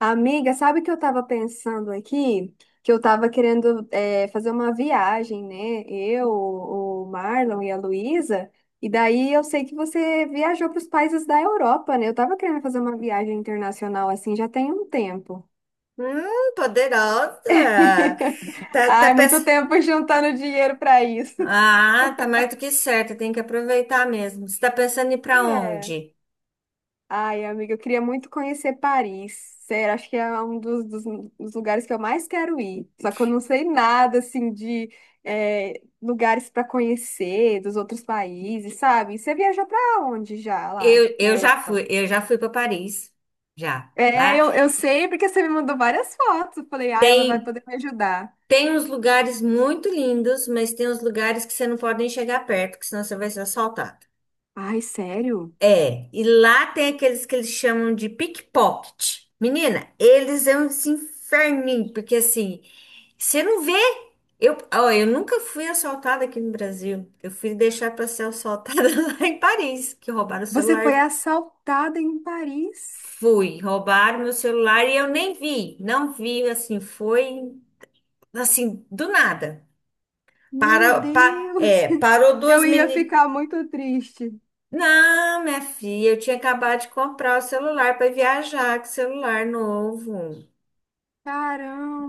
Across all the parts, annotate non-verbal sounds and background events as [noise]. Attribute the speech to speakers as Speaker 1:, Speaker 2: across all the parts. Speaker 1: Amiga, sabe o que eu estava pensando aqui? Que eu estava querendo fazer uma viagem, né? Eu, o Marlon e a Luísa. E daí eu sei que você viajou para os países da Europa, né? Eu estava querendo fazer uma viagem internacional assim já tem um tempo.
Speaker 2: Poderosa. Tá, tá
Speaker 1: Ai,
Speaker 2: pens...
Speaker 1: muito tempo [laughs] juntando dinheiro para isso. [laughs]
Speaker 2: Ah, tá mais do que certa, tem que aproveitar mesmo. Você tá pensando em ir pra
Speaker 1: É.
Speaker 2: onde?
Speaker 1: Ai, amiga, eu queria muito conhecer Paris. Sério, acho que é um dos lugares que eu mais quero ir. Só que eu não sei nada, assim, de lugares para conhecer dos outros países, sabe? Você viajou para onde já lá
Speaker 2: Eu,
Speaker 1: na
Speaker 2: eu já
Speaker 1: Europa?
Speaker 2: fui, eu já fui para Paris. Já.
Speaker 1: É,
Speaker 2: Lá
Speaker 1: eu sei porque você me mandou várias fotos. Eu falei, ai, ela vai
Speaker 2: tem
Speaker 1: poder me ajudar.
Speaker 2: tem uns lugares muito lindos, mas tem uns lugares que você não pode nem chegar perto, que senão você vai ser assaltado.
Speaker 1: Ai, sério?
Speaker 2: É, e lá tem aqueles que eles chamam de pickpocket. Menina, eles é um esse inferninho, porque assim, você não vê. Eu, ó, eu nunca fui assaltada aqui no Brasil. Eu fui deixar para ser assaltada [laughs] lá em Paris, que roubaram o
Speaker 1: Você foi
Speaker 2: celular.
Speaker 1: assaltada em Paris?
Speaker 2: Fui, roubaram meu celular e eu nem vi. Não vi, assim, foi assim, do nada.
Speaker 1: Meu
Speaker 2: Para, pa,
Speaker 1: Deus!
Speaker 2: é,
Speaker 1: [laughs]
Speaker 2: parou
Speaker 1: Eu
Speaker 2: duas
Speaker 1: ia
Speaker 2: meninas.
Speaker 1: ficar muito triste.
Speaker 2: Não, minha filha, eu tinha acabado de comprar o celular para viajar, que celular novo.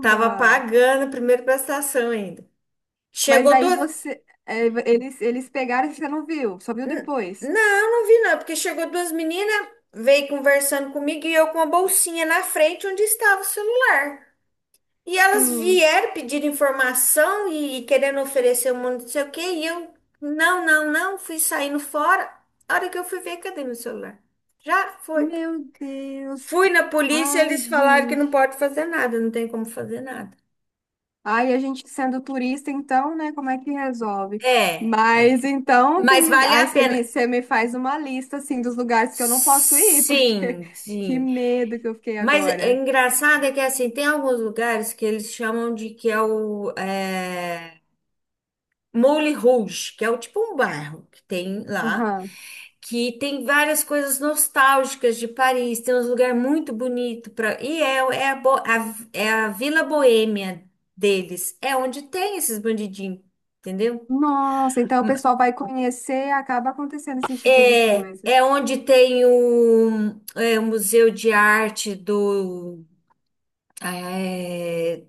Speaker 2: Tava pagando a primeira prestação ainda.
Speaker 1: Mas
Speaker 2: Chegou
Speaker 1: aí
Speaker 2: duas.
Speaker 1: você, eles pegaram e você não viu, só viu
Speaker 2: N-
Speaker 1: depois.
Speaker 2: Não, não vi não, porque chegou duas meninas, veio conversando comigo e eu com a bolsinha na frente onde estava o celular. E elas
Speaker 1: Sim.
Speaker 2: vieram pedir informação e querendo oferecer um monte de não sei o quê, e eu, não, não, não, fui saindo fora. A hora que eu fui ver, cadê meu celular? Já foi.
Speaker 1: Meu Deus.
Speaker 2: Fui na polícia,
Speaker 1: Ai,
Speaker 2: eles falaram que não
Speaker 1: gente.
Speaker 2: pode fazer nada, não tem como fazer nada.
Speaker 1: Ai, a gente sendo turista, então, né? Como é que resolve?
Speaker 2: É,
Speaker 1: Mas então tem
Speaker 2: mas
Speaker 1: lugar.
Speaker 2: vale a
Speaker 1: Ai,
Speaker 2: pena.
Speaker 1: você me faz uma lista, assim, dos lugares que eu não posso ir, porque
Speaker 2: Sim,
Speaker 1: [laughs] que
Speaker 2: sim.
Speaker 1: medo que eu fiquei
Speaker 2: Mas é
Speaker 1: agora.
Speaker 2: engraçado é que assim, tem alguns lugares que eles chamam de que é o Moulin Rouge, que é o tipo um bairro que tem lá,
Speaker 1: Aham.
Speaker 2: que tem várias coisas nostálgicas de Paris, tem uns lugares muito bonitos para é a Vila Boêmia deles, é onde tem esses bandidinhos, entendeu?
Speaker 1: Nossa, então o pessoal vai conhecer e acaba acontecendo esse tipo de
Speaker 2: É,
Speaker 1: coisa.
Speaker 2: é onde tem o, é, o Museu de Arte do. É,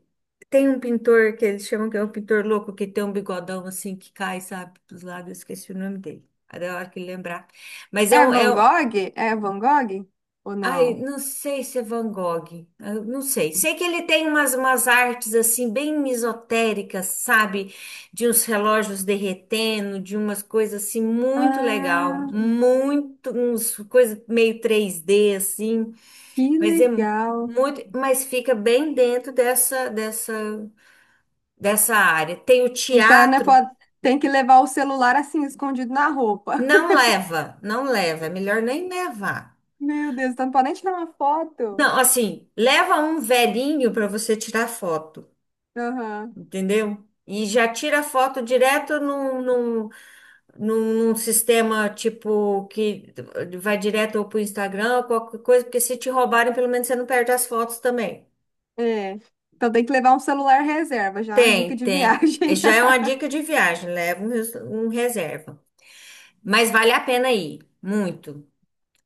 Speaker 2: tem um pintor que eles chamam que é um pintor louco, que tem um bigodão assim que cai, sabe, dos lados, eu esqueci o nome dele. É da hora que lembrar. Mas é
Speaker 1: É
Speaker 2: um, é,
Speaker 1: Van
Speaker 2: um,
Speaker 1: Gogh? É Van Gogh? Ou
Speaker 2: Ai,
Speaker 1: não?
Speaker 2: não sei se é Van Gogh, eu não sei. Sei que ele tem umas, umas artes assim bem misotéricas, sabe? De uns relógios derretendo, de umas coisas assim muito legal,
Speaker 1: Ah.
Speaker 2: muito, uns coisa meio três d assim,
Speaker 1: Que
Speaker 2: mas é
Speaker 1: legal.
Speaker 2: muito, mas fica bem dentro dessa área. Tem o
Speaker 1: Então, né,
Speaker 2: teatro,
Speaker 1: pode... tem que levar o celular assim, escondido na roupa.
Speaker 2: não leva, não leva, é melhor nem levar.
Speaker 1: [laughs] Meu Deus, então não pode nem tirar uma foto.
Speaker 2: Não, assim, leva um velhinho para você tirar foto.
Speaker 1: Aham,
Speaker 2: Entendeu? E já tira a foto direto num sistema tipo que vai direto para o Instagram ou qualquer coisa, porque se te roubarem, pelo menos você não perde as fotos também.
Speaker 1: é. Então tem que levar um celular reserva, já é uma dica
Speaker 2: Tem,
Speaker 1: de
Speaker 2: tem.
Speaker 1: viagem.
Speaker 2: Já é uma
Speaker 1: [laughs]
Speaker 2: dica de viagem, leva um, um reserva. Mas vale a pena ir, muito.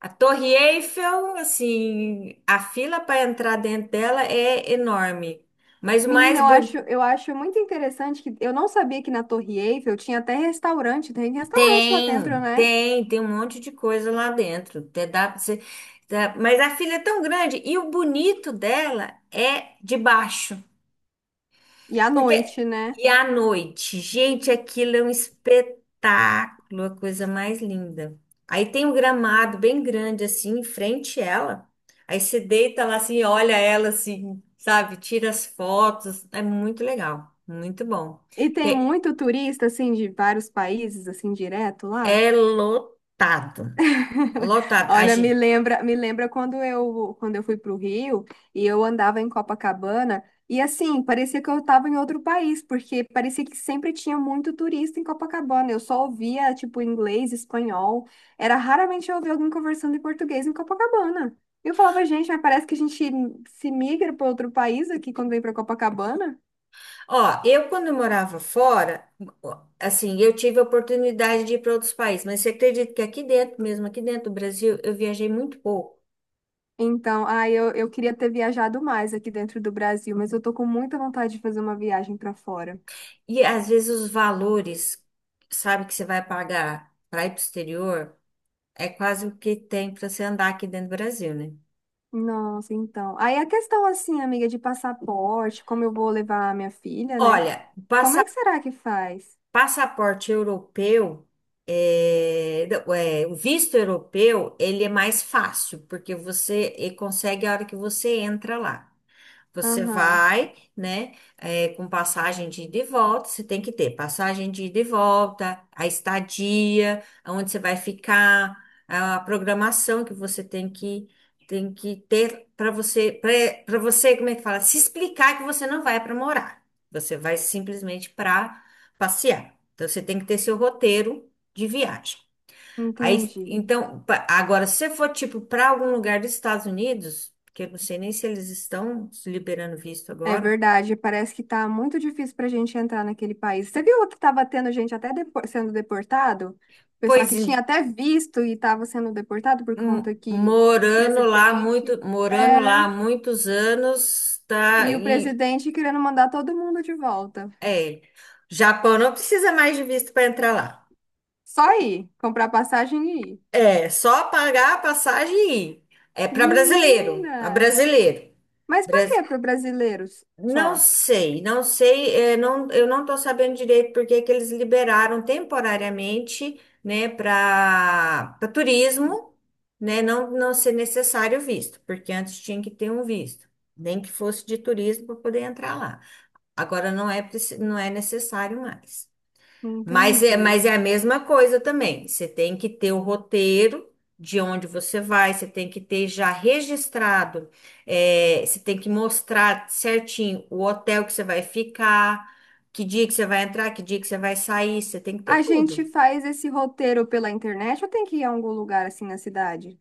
Speaker 2: A Torre Eiffel, assim, a fila para entrar dentro dela é enorme. Mas o
Speaker 1: Menina,
Speaker 2: mais.
Speaker 1: eu acho muito interessante que eu não sabia que na Torre Eiffel tinha até restaurante, tem restaurante lá dentro,
Speaker 2: Tem,
Speaker 1: né?
Speaker 2: tem, tem um monte de coisa lá dentro. Até dá pra você, dá- mas a filha é tão grande e o bonito dela é de baixo.
Speaker 1: E à
Speaker 2: Porque
Speaker 1: noite, né?
Speaker 2: e à noite, gente, aquilo é um espetáculo, a coisa mais linda. Aí tem um gramado bem grande assim em frente a ela. Aí você deita lá assim, olha ela assim, sabe? Tira as fotos, é muito legal, muito bom.
Speaker 1: E tem
Speaker 2: Tem-
Speaker 1: muito turista, assim, de vários países, assim, direto lá.
Speaker 2: É lotado,
Speaker 1: [laughs]
Speaker 2: lotado. A
Speaker 1: Olha,
Speaker 2: gente.
Speaker 1: me lembra quando quando eu fui para o Rio e eu andava em Copacabana e assim, parecia que eu estava em outro país, porque parecia que sempre tinha muito turista em Copacabana. Eu só ouvia tipo inglês, espanhol. Era raramente eu ouvia alguém conversando em português em Copacabana. E eu falava, gente, mas parece que a gente se migra para outro país aqui quando vem para Copacabana.
Speaker 2: Ó, eu quando eu morava fora, ó, assim, eu tive a oportunidade de ir para outros países, mas você acredita que aqui dentro, mesmo aqui dentro do Brasil, eu viajei muito pouco.
Speaker 1: Então, ah, eu queria ter viajado mais aqui dentro do Brasil, mas eu tô com muita vontade de fazer uma viagem para fora.
Speaker 2: E às vezes os valores, sabe, que você vai pagar para ir para o exterior, é quase o que tem para você andar aqui dentro do Brasil, né?
Speaker 1: Nossa, então. Aí a questão assim, amiga, de passaporte, como eu vou levar a minha filha, né?
Speaker 2: Olha,
Speaker 1: Como é que será que faz?
Speaker 2: passaporte europeu, é, não, é, o visto europeu, ele é mais fácil, porque você e consegue a hora que você entra lá. Você
Speaker 1: Aham,
Speaker 2: vai, né, é, com passagem de ida e volta, você tem que ter passagem de ida e volta, a estadia, onde você vai ficar, a programação que você tem que ter para você, como é que fala? Se explicar que você não vai para morar, você vai simplesmente para passear. Então, você tem que ter seu roteiro de viagem. Aí,
Speaker 1: entendi.
Speaker 2: então, agora, se você for tipo para algum lugar dos Estados Unidos, que eu não sei nem se eles estão liberando visto
Speaker 1: É
Speaker 2: agora,
Speaker 1: verdade, parece que tá muito difícil pra gente entrar naquele país. Você viu que tava tendo gente até depo- sendo deportado? Pessoal
Speaker 2: pois
Speaker 1: que
Speaker 2: em-
Speaker 1: tinha até visto e tava sendo deportado por conta que o
Speaker 2: morando lá muito, morando lá há
Speaker 1: é,
Speaker 2: muitos anos, tá,
Speaker 1: e o
Speaker 2: e
Speaker 1: presidente querendo mandar todo mundo de volta.
Speaker 2: é, Japão não precisa mais de visto para entrar lá.
Speaker 1: Só ir, comprar passagem e ir.
Speaker 2: É só pagar a passagem e ir. É para brasileiro,
Speaker 1: Menina!
Speaker 2: para brasileiro.
Speaker 1: Mas por que para brasileiros só?
Speaker 2: Não sei, não sei, não, eu não estou sabendo direito porque que eles liberaram temporariamente, né, para turismo, né, não, não ser necessário visto, porque antes tinha que ter um visto, nem que fosse de turismo para poder entrar lá. Agora não é, não é necessário mais.
Speaker 1: Entendi.
Speaker 2: Mas é a mesma coisa também. Você tem que ter o roteiro de onde você vai, você tem que ter já registrado, é, você tem que mostrar certinho o hotel que você vai ficar, que dia que você vai entrar, que dia que você vai sair, você tem que ter
Speaker 1: A gente
Speaker 2: tudo.
Speaker 1: faz esse roteiro pela internet ou tem que ir a algum lugar assim na cidade?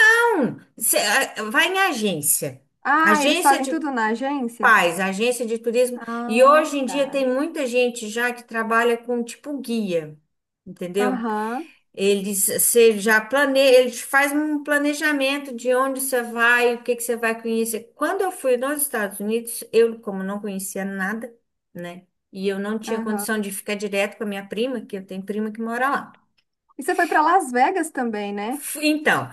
Speaker 2: Então, você, ah, vai em agência,
Speaker 1: Ah, eles
Speaker 2: agência
Speaker 1: fazem
Speaker 2: de
Speaker 1: tudo na agência?
Speaker 2: paz, agência de turismo, e
Speaker 1: Ah,
Speaker 2: hoje em
Speaker 1: tá.
Speaker 2: dia tem muita gente já que trabalha com tipo guia. Entendeu?
Speaker 1: Aham,
Speaker 2: Eles, você já planeja, eles fazem um planejamento de onde você vai, o que que você vai conhecer. Quando eu fui nos Estados Unidos, eu, como não conhecia nada, né? E eu não tinha
Speaker 1: aham.
Speaker 2: condição de ficar direto com a minha prima, que eu tenho prima que mora lá.
Speaker 1: E você foi para Las Vegas também, né?
Speaker 2: Então,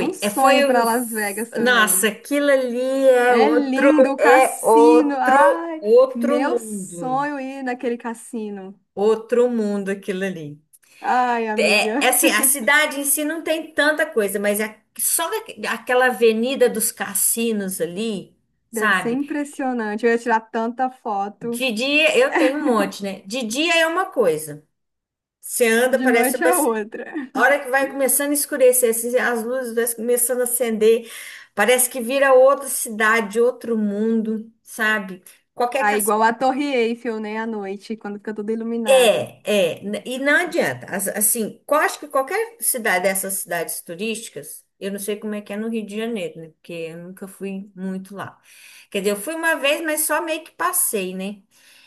Speaker 1: Um
Speaker 2: É, foi
Speaker 1: sonho
Speaker 2: o.
Speaker 1: para Las Vegas
Speaker 2: Nossa,
Speaker 1: também.
Speaker 2: aquilo ali é
Speaker 1: É
Speaker 2: outro,
Speaker 1: lindo o
Speaker 2: é
Speaker 1: cassino.
Speaker 2: outro,
Speaker 1: Ai,
Speaker 2: outro
Speaker 1: meu
Speaker 2: mundo.
Speaker 1: sonho ir naquele cassino.
Speaker 2: Outro mundo aquilo ali.
Speaker 1: Ai,
Speaker 2: É, é
Speaker 1: amiga,
Speaker 2: assim, a cidade em si não tem tanta coisa, mas é só aquela avenida dos cassinos ali,
Speaker 1: deve ser
Speaker 2: sabe?
Speaker 1: impressionante. Eu ia tirar tanta foto
Speaker 2: De dia, eu tenho um monte, né? De dia é uma coisa. Você anda,
Speaker 1: de
Speaker 2: parece uma...
Speaker 1: noite a outra.
Speaker 2: A hora que vai começando a escurecer, assim, as luzes vai começando a acender, parece que vira outra cidade, outro mundo, sabe? Qualquer.
Speaker 1: Ah, igual a Torre Eiffel, né, à noite, quando fica tudo iluminado.
Speaker 2: É, é, e não adianta. Assim, eu acho que qualquer cidade dessas cidades turísticas, eu não sei como é que é no Rio de Janeiro, né? Porque eu nunca fui muito lá. Quer dizer, eu fui uma vez, mas só meio que passei, né?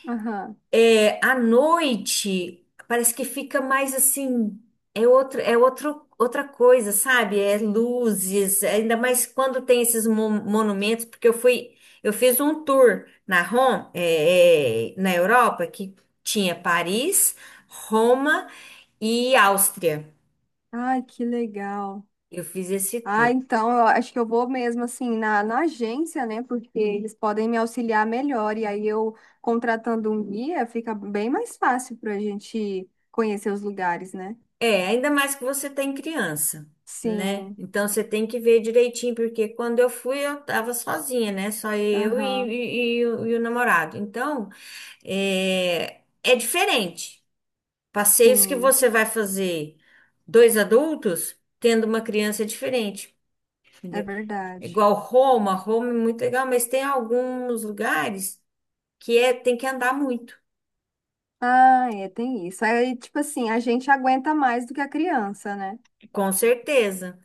Speaker 1: Aham.
Speaker 2: É, à noite, parece que fica mais assim, é outra coisa, sabe? É luzes, ainda mais quando tem esses monumentos, porque eu fui, eu fiz um tour na Europa, que tinha Paris, Roma e Áustria.
Speaker 1: Ai, que legal.
Speaker 2: Eu fiz esse
Speaker 1: Ah,
Speaker 2: tour.
Speaker 1: então eu acho que eu vou mesmo assim na agência, né? Porque sim, eles podem me auxiliar melhor. E aí eu contratando um guia fica bem mais fácil para a gente conhecer os lugares, né?
Speaker 2: É, ainda mais que você tem criança, né?
Speaker 1: Sim,
Speaker 2: Então você tem que ver direitinho, porque quando eu fui eu tava sozinha, né? Só eu e,
Speaker 1: aham,
Speaker 2: e- e o, e o namorado. Então é, é diferente. Passeios que
Speaker 1: sim,
Speaker 2: você vai fazer dois adultos tendo uma criança é diferente,
Speaker 1: é
Speaker 2: entendeu?
Speaker 1: verdade.
Speaker 2: Igual Roma, Roma é muito legal, mas tem alguns lugares que é, tem que andar muito,
Speaker 1: Ah, é, tem isso. Aí, tipo assim, a gente aguenta mais do que a criança, né?
Speaker 2: com certeza.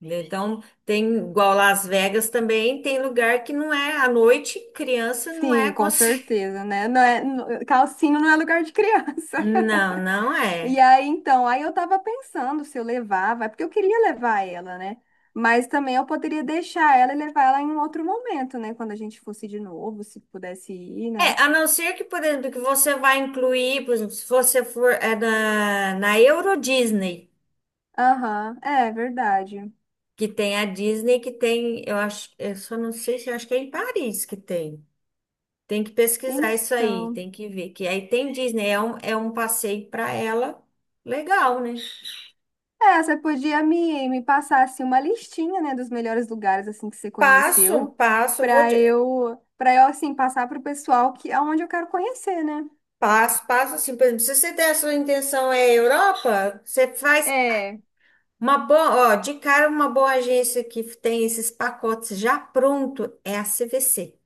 Speaker 2: Então, tem igual Las Vegas também, tem lugar que não é à noite, criança não é
Speaker 1: Sim, com
Speaker 2: [laughs]
Speaker 1: certeza, né? Não é, não- calcinha não é lugar de criança.
Speaker 2: Não, não
Speaker 1: [laughs] E
Speaker 2: é.
Speaker 1: aí, então, aí eu tava pensando se eu levava, é porque eu queria levar ela, né? Mas também eu poderia deixar ela e levar ela em um outro momento, né? Quando a gente fosse de novo, se pudesse ir, né?
Speaker 2: É, a não ser que, por exemplo, que você vai incluir, por exemplo, se você for na, na Euro Disney,
Speaker 1: Aham, é verdade.
Speaker 2: que tem a Disney que tem, eu acho, eu só não sei se eu acho que é em Paris que tem. Tem que pesquisar isso aí,
Speaker 1: Então,
Speaker 2: tem que ver. Que aí tem Disney, é um passeio para ela legal, né?
Speaker 1: é, você podia me passar, assim, uma listinha, né? Dos melhores lugares, assim, que você
Speaker 2: Passo,
Speaker 1: conheceu,
Speaker 2: passo, vou. te-
Speaker 1: para eu, assim, passar pro pessoal que, aonde eu quero conhecer, né?
Speaker 2: Passo, passo assim, por exemplo, se você der a sua intenção é Europa, você faz
Speaker 1: É,
Speaker 2: uma boa, ó, de cara uma boa agência que tem esses pacotes já pronto é a CVC.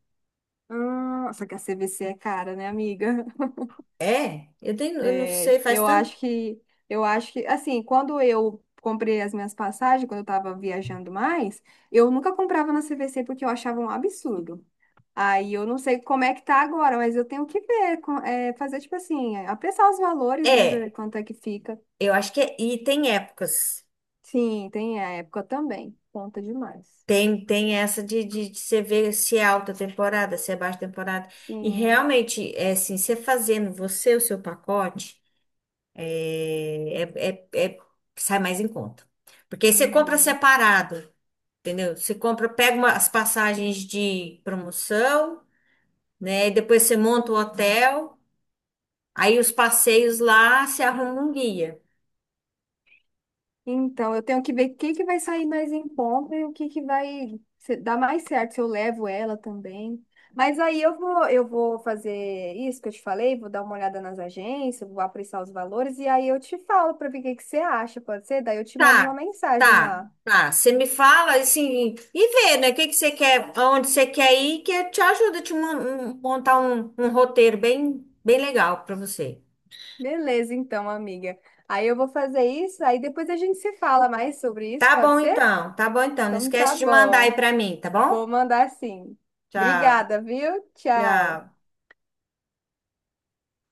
Speaker 1: ah, só que a CVC é cara, né, amiga? [laughs]
Speaker 2: É, eu, eu não
Speaker 1: É,
Speaker 2: sei, faz tanto.
Speaker 1: eu acho que, assim, quando eu comprei as minhas passagens, quando eu tava viajando mais, eu nunca comprava na CVC porque eu achava um absurdo. Aí eu não sei como é que tá agora, mas eu tenho que ver, com- é, fazer tipo assim, é, apressar os valores, né, pra ver
Speaker 2: É,
Speaker 1: quanto é que fica.
Speaker 2: eu acho que é, e tem épocas.
Speaker 1: Sim, tem a época também, conta demais.
Speaker 2: Tem, tem essa de você ver se é alta temporada, se é baixa temporada. E
Speaker 1: Sim,
Speaker 2: realmente, é assim, você fazendo você o seu pacote, é, é, é, é- sai mais em conta. Porque aí você compra
Speaker 1: uhum.
Speaker 2: separado. Entendeu? Você compra, as passagens de promoção, né? E depois você monta o hotel, aí os passeios lá, você arruma um guia.
Speaker 1: Então, eu tenho que ver o que que vai sair mais em conta e o que que vai se- dar mais certo, se eu levo ela também. Mas aí eu vou fazer isso que eu te falei, vou dar uma olhada nas agências, vou apreciar os valores e aí eu te falo para ver o que que você acha, pode ser? Daí eu te mando uma
Speaker 2: Tá,
Speaker 1: mensagem
Speaker 2: tá,
Speaker 1: lá.
Speaker 2: tá. Você me fala assim e vê, né? O que que você quer, aonde você quer ir, que eu te ajudo a te montar um, um roteiro bem, bem legal para você.
Speaker 1: Beleza, então, amiga. Aí eu vou fazer isso, aí depois a gente se fala mais sobre isso,
Speaker 2: Tá
Speaker 1: pode
Speaker 2: bom
Speaker 1: ser?
Speaker 2: então, tá bom então. Não
Speaker 1: Então tá
Speaker 2: esquece de mandar aí
Speaker 1: bom.
Speaker 2: para mim, tá bom?
Speaker 1: Vou mandar sim.
Speaker 2: Tchau,
Speaker 1: Obrigada, viu? Tchau.
Speaker 2: tchau.